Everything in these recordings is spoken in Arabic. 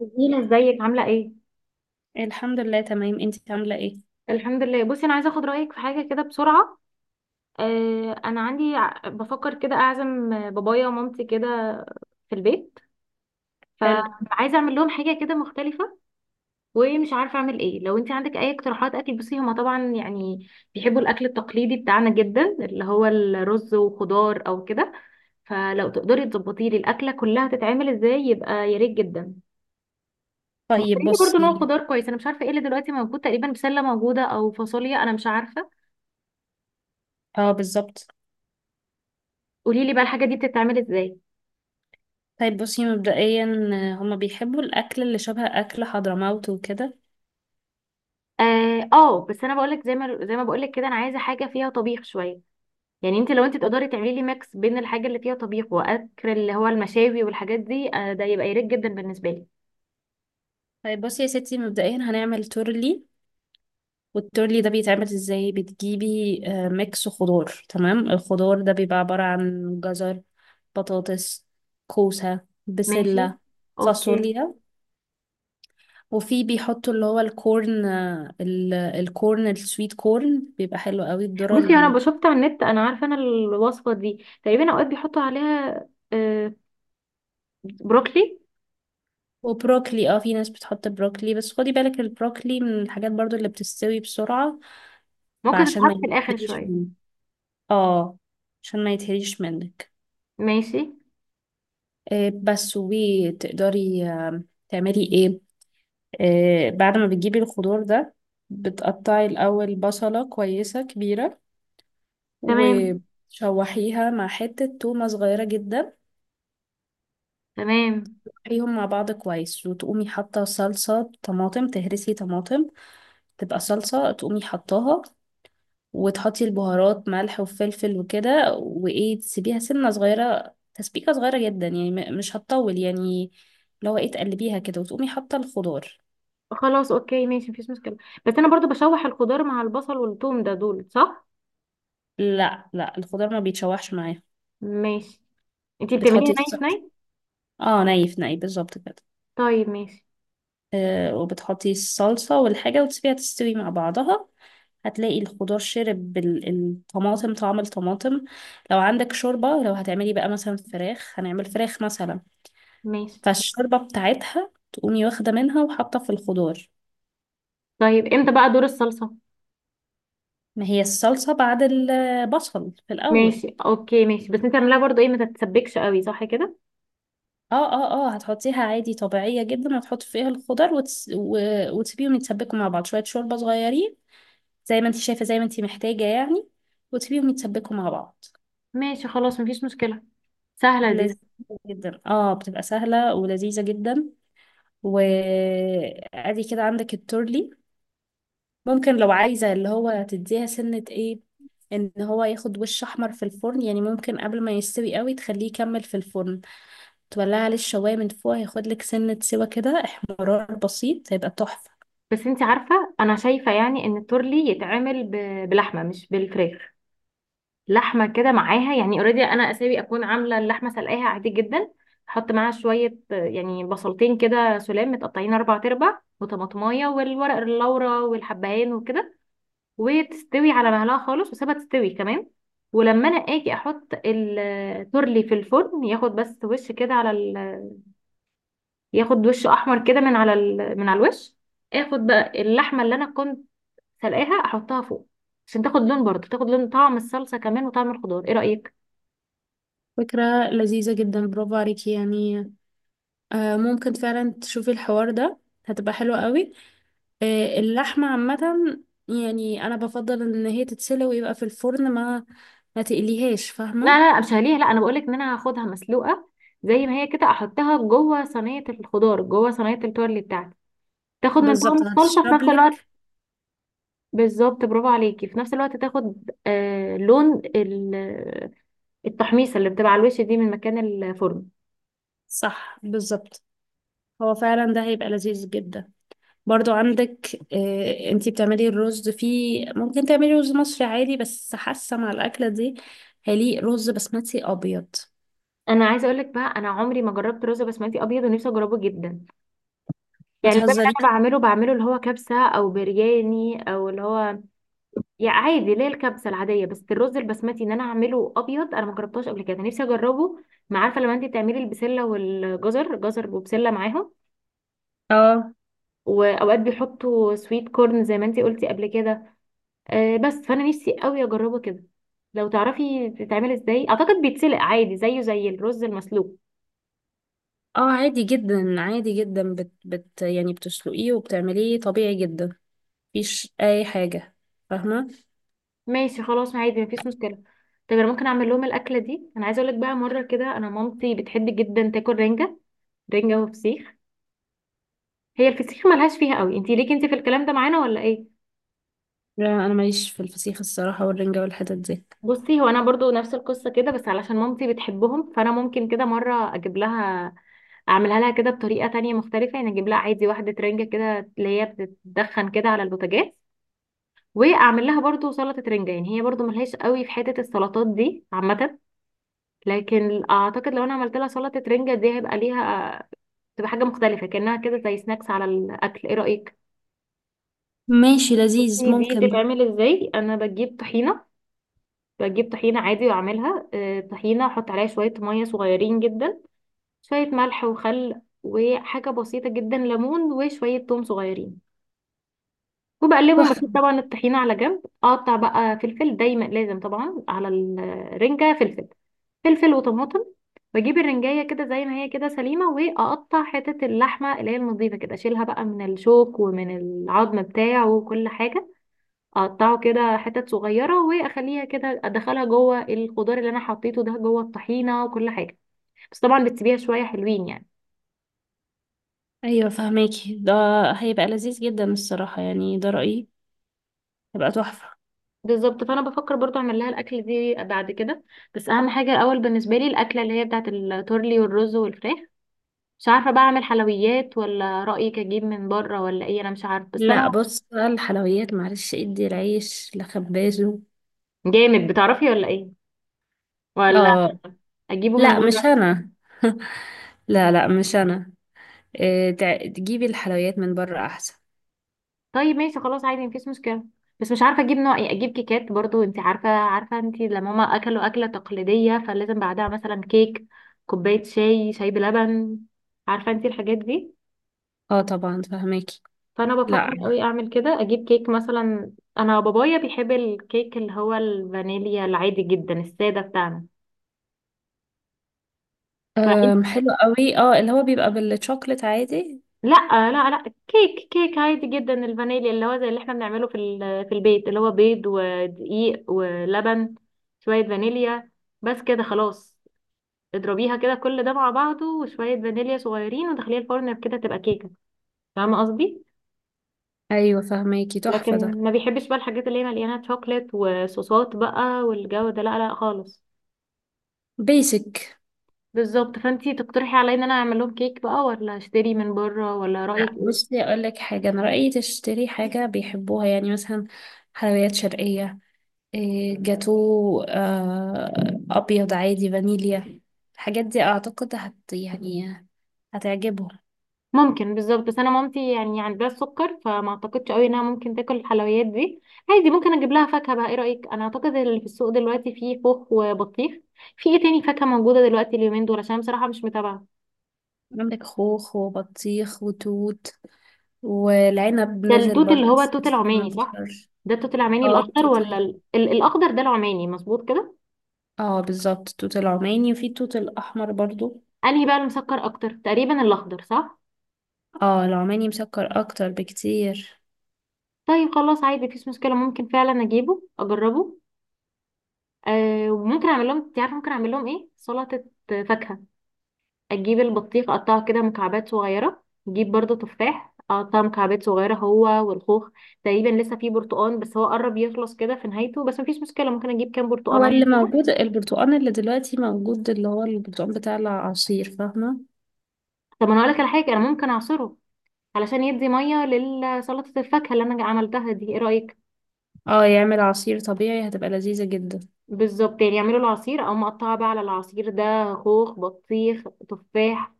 جميلة، ازيك؟ عاملة ايه؟ الحمد لله تمام، انت عاملة ايه؟ الحمد لله. بصي، انا عايزة اخد رأيك في حاجة كده بسرعة. انا عندي بفكر كده اعزم بابايا ومامتي كده في البيت. حلو. فعايزة اعمل لهم حاجة كده مختلفة. ومش عارفة اعمل ايه. لو انت عندك اي اقتراحات اكل. بصي، هما طبعا بيحبوا الاكل التقليدي بتاعنا جدا، اللي هو الرز وخضار او كده. فلو تقدري تظبطي لي الاكلة كلها تتعمل ازاي، يبقى يا ريت جدا. طيب مختارين برضو نوع بصي. خضار كويس. انا مش عارفة ايه اللي دلوقتي موجود، تقريبا بسلة موجودة او فاصوليا، انا مش عارفة. اه بالظبط. قولي لي بقى الحاجه دي بتتعمل ازاي. طيب بصي مبدئيا، هما بيحبوا الأكل اللي شبه أكل حضرموت وكده. اه. بس انا بقول لك، زي ما بقول لك كده، انا عايزه حاجه فيها طبيخ شويه. يعني لو انت طب تقدري تعملي لي ميكس بين الحاجه اللي فيها طبيخ واكل اللي هو المشاوي والحاجات دي، ده يبقى يريح جدا بالنسبه لي. طيب بصي يا ستي، مبدئيا هنعمل تورلي. والتورلي ده بيتعمل ازاي؟ بتجيبي ميكس خضار. تمام. الخضار ده بيبقى عبارة عن جزر، بطاطس، كوسة، ماشي. بسلة، اوكي. فاصوليا. وفي بيحطوا اللي هو الكورن، الكورن السويت كورن، بيبقى حلو قوي الذرة. بصي، انا شفتها من النت، انا عارفه انا الوصفه دي. تقريبا اوقات بيحطوا عليها آه بروكلي. وبروكلي. اه في ناس بتحط بروكلي، بس خدي بالك البروكلي من الحاجات برضو اللي بتستوي بسرعة. ممكن فعشان تتحط ما في الاخر يتهريش شويه. منك. اه عشان ما يتهريش منك. ماشي. آه بس وتقدري تعملي ايه؟ بعد ما بتجيبي الخضار ده، بتقطعي الأول بصلة كويسة كبيرة، تمام. وتشوحيها مع حتة تومة صغيرة جدا. تمام. تشوحيهم مع بعض كويس، وتقومي حاطة صلصة طماطم. تهرسي طماطم تبقى صلصة، تقومي حطاها. وتحطي البهارات ملح وفلفل وكده، وايه تسيبيها سنة صغيرة، تسبيكة صغيرة جدا يعني. مش هتطول يعني. لو ايه تقلبيها كده، وتقومي حاطة الخضار. خلاص اوكي ماشي، مفيش مشكله. بس انا برضو بشوح الخضار مع البصل والثوم ده، دول صح؟ لا لا، الخضار ما بيتشوحش معايا. ماشي. انتي بتعمليها بتحطي ناي في الصلصة. ناي. اه نايف نايف بالظبط كده. طيب ماشي. وبتحطي الصلصة والحاجة، وتسيبيها تستوي مع بعضها. هتلاقي الخضار شرب الطماطم، طعم الطماطم. لو عندك شوربة، لو هتعملي بقى مثلا فراخ، هنعمل فراخ مثلا، ماشي. فالشوربة بتاعتها تقومي واخدة منها وحاطة في الخضار. طيب، امتى بقى دور الصلصة؟ ما هي الصلصة بعد البصل في الأول. ماشي اوكي ماشي. بس انتي اعمليها برضو ايه، ما تتسبكش قوي، صح كده؟ اه هتحطيها عادي طبيعية جدا، وتحطي فيها الخضار وتسيبيهم يتسبكوا مع بعض، شوية شوربة صغيرين زي ما انت شايفة، زي ما انت محتاجة يعني، وتسيبيهم يتسبكوا مع بعض. ماشي خلاص، مفيش مشكلة، سهلة دي. لذيذة جدا، اه بتبقى سهلة ولذيذة جدا. وادي كده عندك التورلي. ممكن لو عايزة اللي هو تديها سنة ايه، ان هو ياخد وش احمر في الفرن يعني، ممكن قبل ما يستوي قوي تخليه يكمل في الفرن، تولع عليه الشواية من فوق، هياخد لك سنة سوا كده احمرار بسيط، هيبقى تحفة. بس انتي عارفة، انا شايفة يعني ان التورلي يتعمل بلحمة، مش بالفراخ. لحمة كده معاها يعني، اوريدي انا اساوي اكون عاملة اللحمة، سلقاها عادي جدا. احط معاها شوية، يعني بصلتين كده سلام متقطعين اربع تربع، وطماطمايه، والورق اللورا، والحبهان، وكده. وتستوي على مهلها خالص، وسيبها تستوي كمان. ولما انا اجي احط التورلي في الفرن، ياخد بس وش كده على ياخد وش احمر كده من على من على الوش. اخد بقى اللحمه اللي انا كنت سلقاها، احطها فوق عشان تاخد لون، برضه تاخد لون طعم الصلصه كمان وطعم الخضار. ايه رايك؟ فكرة لذيذة جدا، برافو عليكي يعني. آه ممكن فعلا تشوفي الحوار ده، هتبقى حلوة قوي. آه اللحمة عامة يعني انا بفضل ان هي تتسلق ويبقى في الفرن، ما تقليهاش، لا فاهمة. لا لا، مش هليها. لا انا بقولك ان انا هاخدها مسلوقه زي ما هي كده، احطها جوه صينيه الخضار، جوه صينيه التورلي بتاعتي. تاخد من طعم بالظبط، الصلصه في هتشرب نفس الوقت. لك. بالظبط، برافو عليكي. في نفس الوقت تاخد لون التحميصه اللي بتبقى على الوش دي من مكان الفرن. صح بالظبط، هو فعلا ده هيبقى لذيذ جدا. برضو عندك، انتي بتعملي الرز فيه، ممكن تعملي رز مصري عادي، بس حاسه مع الاكله دي هيليق رز بسمتي ابيض. انا عايزه اقول لك بقى، انا عمري ما جربت رز بسمتي ابيض ونفسي اجربه جدا. ما يعني الباب اللي تهزريش. انا بعمله بعمله اللي هو كبسه او برياني او اللي هو، يعني عادي، اللي هي الكبسه العاديه. بس الرز البسمتي ان انا اعمله ابيض، انا ما جربتهاش قبل كده، نفسي اجربه. ما عارفه، لما انت بتعملي البسله والجزر، جزر وبسله معاهم، اه واوقات بيحطوا سويت كورن زي ما انت قلتي قبل كده. بس فانا نفسي قوي اجربه كده. لو تعرفي بتتعمل ازاي. اعتقد بيتسلق عادي زيه زي الرز المسلوق. اه عادي جدا عادي جدا، بت, بت يعني بتسلقيه وبتعمليه طبيعي جدا، مفيش اي حاجه، فاهمه. ماشي خلاص عادي، مفيش مشكله. طب انا ممكن اعمل لهم الاكله دي. انا عايزه اقول لك بقى، مره كده، انا مامتي بتحب جدا تاكل رنجه. رنجه وفسيخ. هي الفسيخ ملهاش فيها قوي. انتي ليكي انتي في الكلام ده معانا ولا ايه؟ لا انا ماليش في الفسيخ الصراحه والرنجه والحتت دي. بصي، هو انا برضو نفس القصه كده، بس علشان مامتي بتحبهم، فانا ممكن كده مره اجيب لها، اعملها لها كده بطريقه تانية مختلفه. يعني اجيب لها عادي واحده رنجه كده اللي هي بتتدخن كده على البوتاجاز، واعمل لها برضو سلطه رنجه. يعني هي برضو ملهاش قوي في حته السلطات دي عامه، لكن اعتقد لو انا عملت لها سلطه رنجه دي، هيبقى ليها، تبقى حاجه مختلفه كانها كده زي سناكس على الاكل. ايه رايك؟ ماشي، لذيذ، بصي، دي ممكن ده. بتتعمل ازاي. انا بجيب طحينه، بجيب طحينه عادي واعملها طحينه. احط عليها شويه ميه صغيرين جدا، شويه ملح وخل وحاجه بسيطه جدا، ليمون وشويه توم صغيرين، وبقلبهم. بسيب تحفه. طبعا الطحينة على جنب، اقطع بقى فلفل. دايما لازم طبعا على الرنجة فلفل، فلفل وطماطم. بجيب الرنجاية كده زي ما هي كده سليمة، واقطع حتة اللحمة اللي هي النظيفة كده، اشيلها بقى من الشوك ومن العظم بتاعه وكل حاجة، اقطعه كده حتت صغيرة، واخليها كده، ادخلها جوه الخضار اللي انا حطيته ده، جوه الطحينة وكل حاجة. بس طبعا بتسيبيها شوية حلوين يعني. ايوه فهماكي ده، هيبقى لذيذ جدا الصراحه يعني، ده رايي، هيبقى تحفه. بالظبط، فانا بفكر برضو اعمل لها الاكل دي بعد كده. بس اهم حاجه الاول بالنسبه لي الاكله اللي هي بتاعه التورلي والرز والفراخ. مش عارفه بقى اعمل حلويات ولا رايك اجيب من بره ولا ايه، انا مش عارفه. بس لا انا، بص بقى، الحلويات معلش ادي العيش لخبازه. جامد، بتعرفي ولا ايه، ولا اه. اجيبه من لا مش بره؟ انا. لا لا مش انا. إيه تجيبي الحلويات من بره احسن. طيب ماشي، خلاص عادي، مفيش مشكله. بس مش عارفه اجيب نوع ايه. اجيب كيكات برضو، انت عارفه، عارفه انت لما هما اكلوا اكله تقليديه، فلازم بعدها مثلا كيك، كوبايه شاي، شاي بلبن، عارفه انت الحاجات دي. اه طبعا فهماكي. فانا لا. بفكر قوي اعمل كده، اجيب كيك مثلا. انا بابايا بيحب الكيك اللي هو الفانيليا العادي جدا الساده بتاعنا. فانت، أم حلو قوي، اه اللي هو بيبقى بالشوكليت عادي. لا لا، كيك عادي جدا، الفانيليا اللي هو زي اللي احنا بنعمله في في البيت، اللي هو بيض ودقيق ولبن، شويه فانيليا، بس كده خلاص. اضربيها كده كل ده مع بعضه، وشويه فانيليا صغيرين، ودخليها الفرن كده، تبقى كيكه. فاهمه قصدي. ايوه فهماكي، تحفه ده. لكن ما بيحبش بقى الحاجات اللي هي مليانه شوكليت وصوصات بقى والجو ده، لا لا خالص. بيسك. بالظبط، فانتي تقترحي عليا ان انا اعمل لهم كيك بقى ولا اشتري من بره، ولا رايك لا ايه؟ بصي، اقول لك حاجه، انا رايي تشتري حاجه بيحبوها يعني، مثلا حلويات شرقيه، جاتو، ابيض عادي فانيليا، الحاجات دي اعتقد هت يعني هتعجبهم. ممكن، بالظبط. بس انا مامتي يعني عندها السكر، فما اعتقدش قوي انها ممكن تاكل الحلويات دي. عادي، ممكن اجيب لها فاكهه بقى. ايه رايك؟ انا اعتقد اللي في السوق دلوقتي فيه خوخ وبطيخ. في ايه تاني فاكهه موجوده دلوقتي اليومين دول، عشان بصراحه مش متابعه. عندك خوخ وبطيخ وتوت، والعنب ده نزل التوت برضه اللي هو بس التوت لسه ما العماني، صح؟ انتشرش. ده التوت العماني اه الاخضر، التوت ولا ال- الاخضر ده العماني، مظبوط كده؟ اه بالظبط، التوت العماني، وفي التوت الاحمر برضو. انهي بقى المسكر اكتر، تقريبا الاخضر، صح؟ اه العماني مسكر اكتر بكتير. طيب خلاص عادي، مفيش مشكله، ممكن فعلا اجيبه اجربه. أه، وممكن اعمل لهم، انت عارفه ممكن اعمل لهم ايه، سلطه فاكهه. اجيب البطيخ اقطعه كده مكعبات صغيره، اجيب برضو تفاح اقطعه مكعبات صغيره هو والخوخ. تقريبا لسه فيه برتقان بس هو قرب يخلص كده في نهايته، بس مفيش مشكله، ممكن اجيب كام هو برتقانيه اللي كده. موجود البرتقال اللي دلوقتي موجود اللي هو البرتقال بتاع العصير، فاهمة. طب انا هقول لك على حاجه، انا ممكن اعصره علشان يدي ميه لسلطه الفاكهه اللي انا عملتها دي. ايه رايك؟ اه يعمل عصير طبيعي، هتبقى لذيذة جدا. بالظبط، يعني يعملوا العصير او مقطعه بقى على العصير ده، خوخ، بطيخ، تفاح،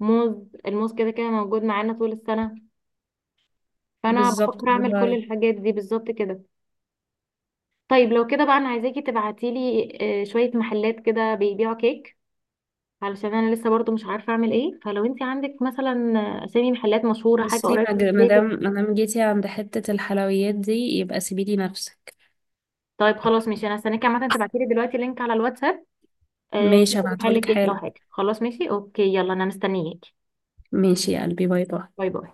موز. الموز كده كده موجود معانا طول السنه. فانا بالظبط، بفكر اعمل برافو كل عليكي. الحاجات دي بالظبط كده. طيب، لو كده بقى انا عايزاكي تبعتيلي شوية محلات كده بيبيعوا كيك، علشان انا لسه برضو مش عارفة اعمل ايه. فلو انت عندك مثلا اسامي محلات مشهورة، حاجة بصي، قريبة من ما بيتك. دام جيتي عند حتة الحلويات دي، يبقى سيبيلي نفسك. طيب خلاص ماشي، انا هستناكي عامة تبعتيلي دلوقتي لينك على الواتساب في ماشي محل هبعتهولك كيك او حالا. حاجة. خلاص ماشي، اوكي، يلا، انا مستنياكي. ماشي يا قلبي، باي باي. باي باي.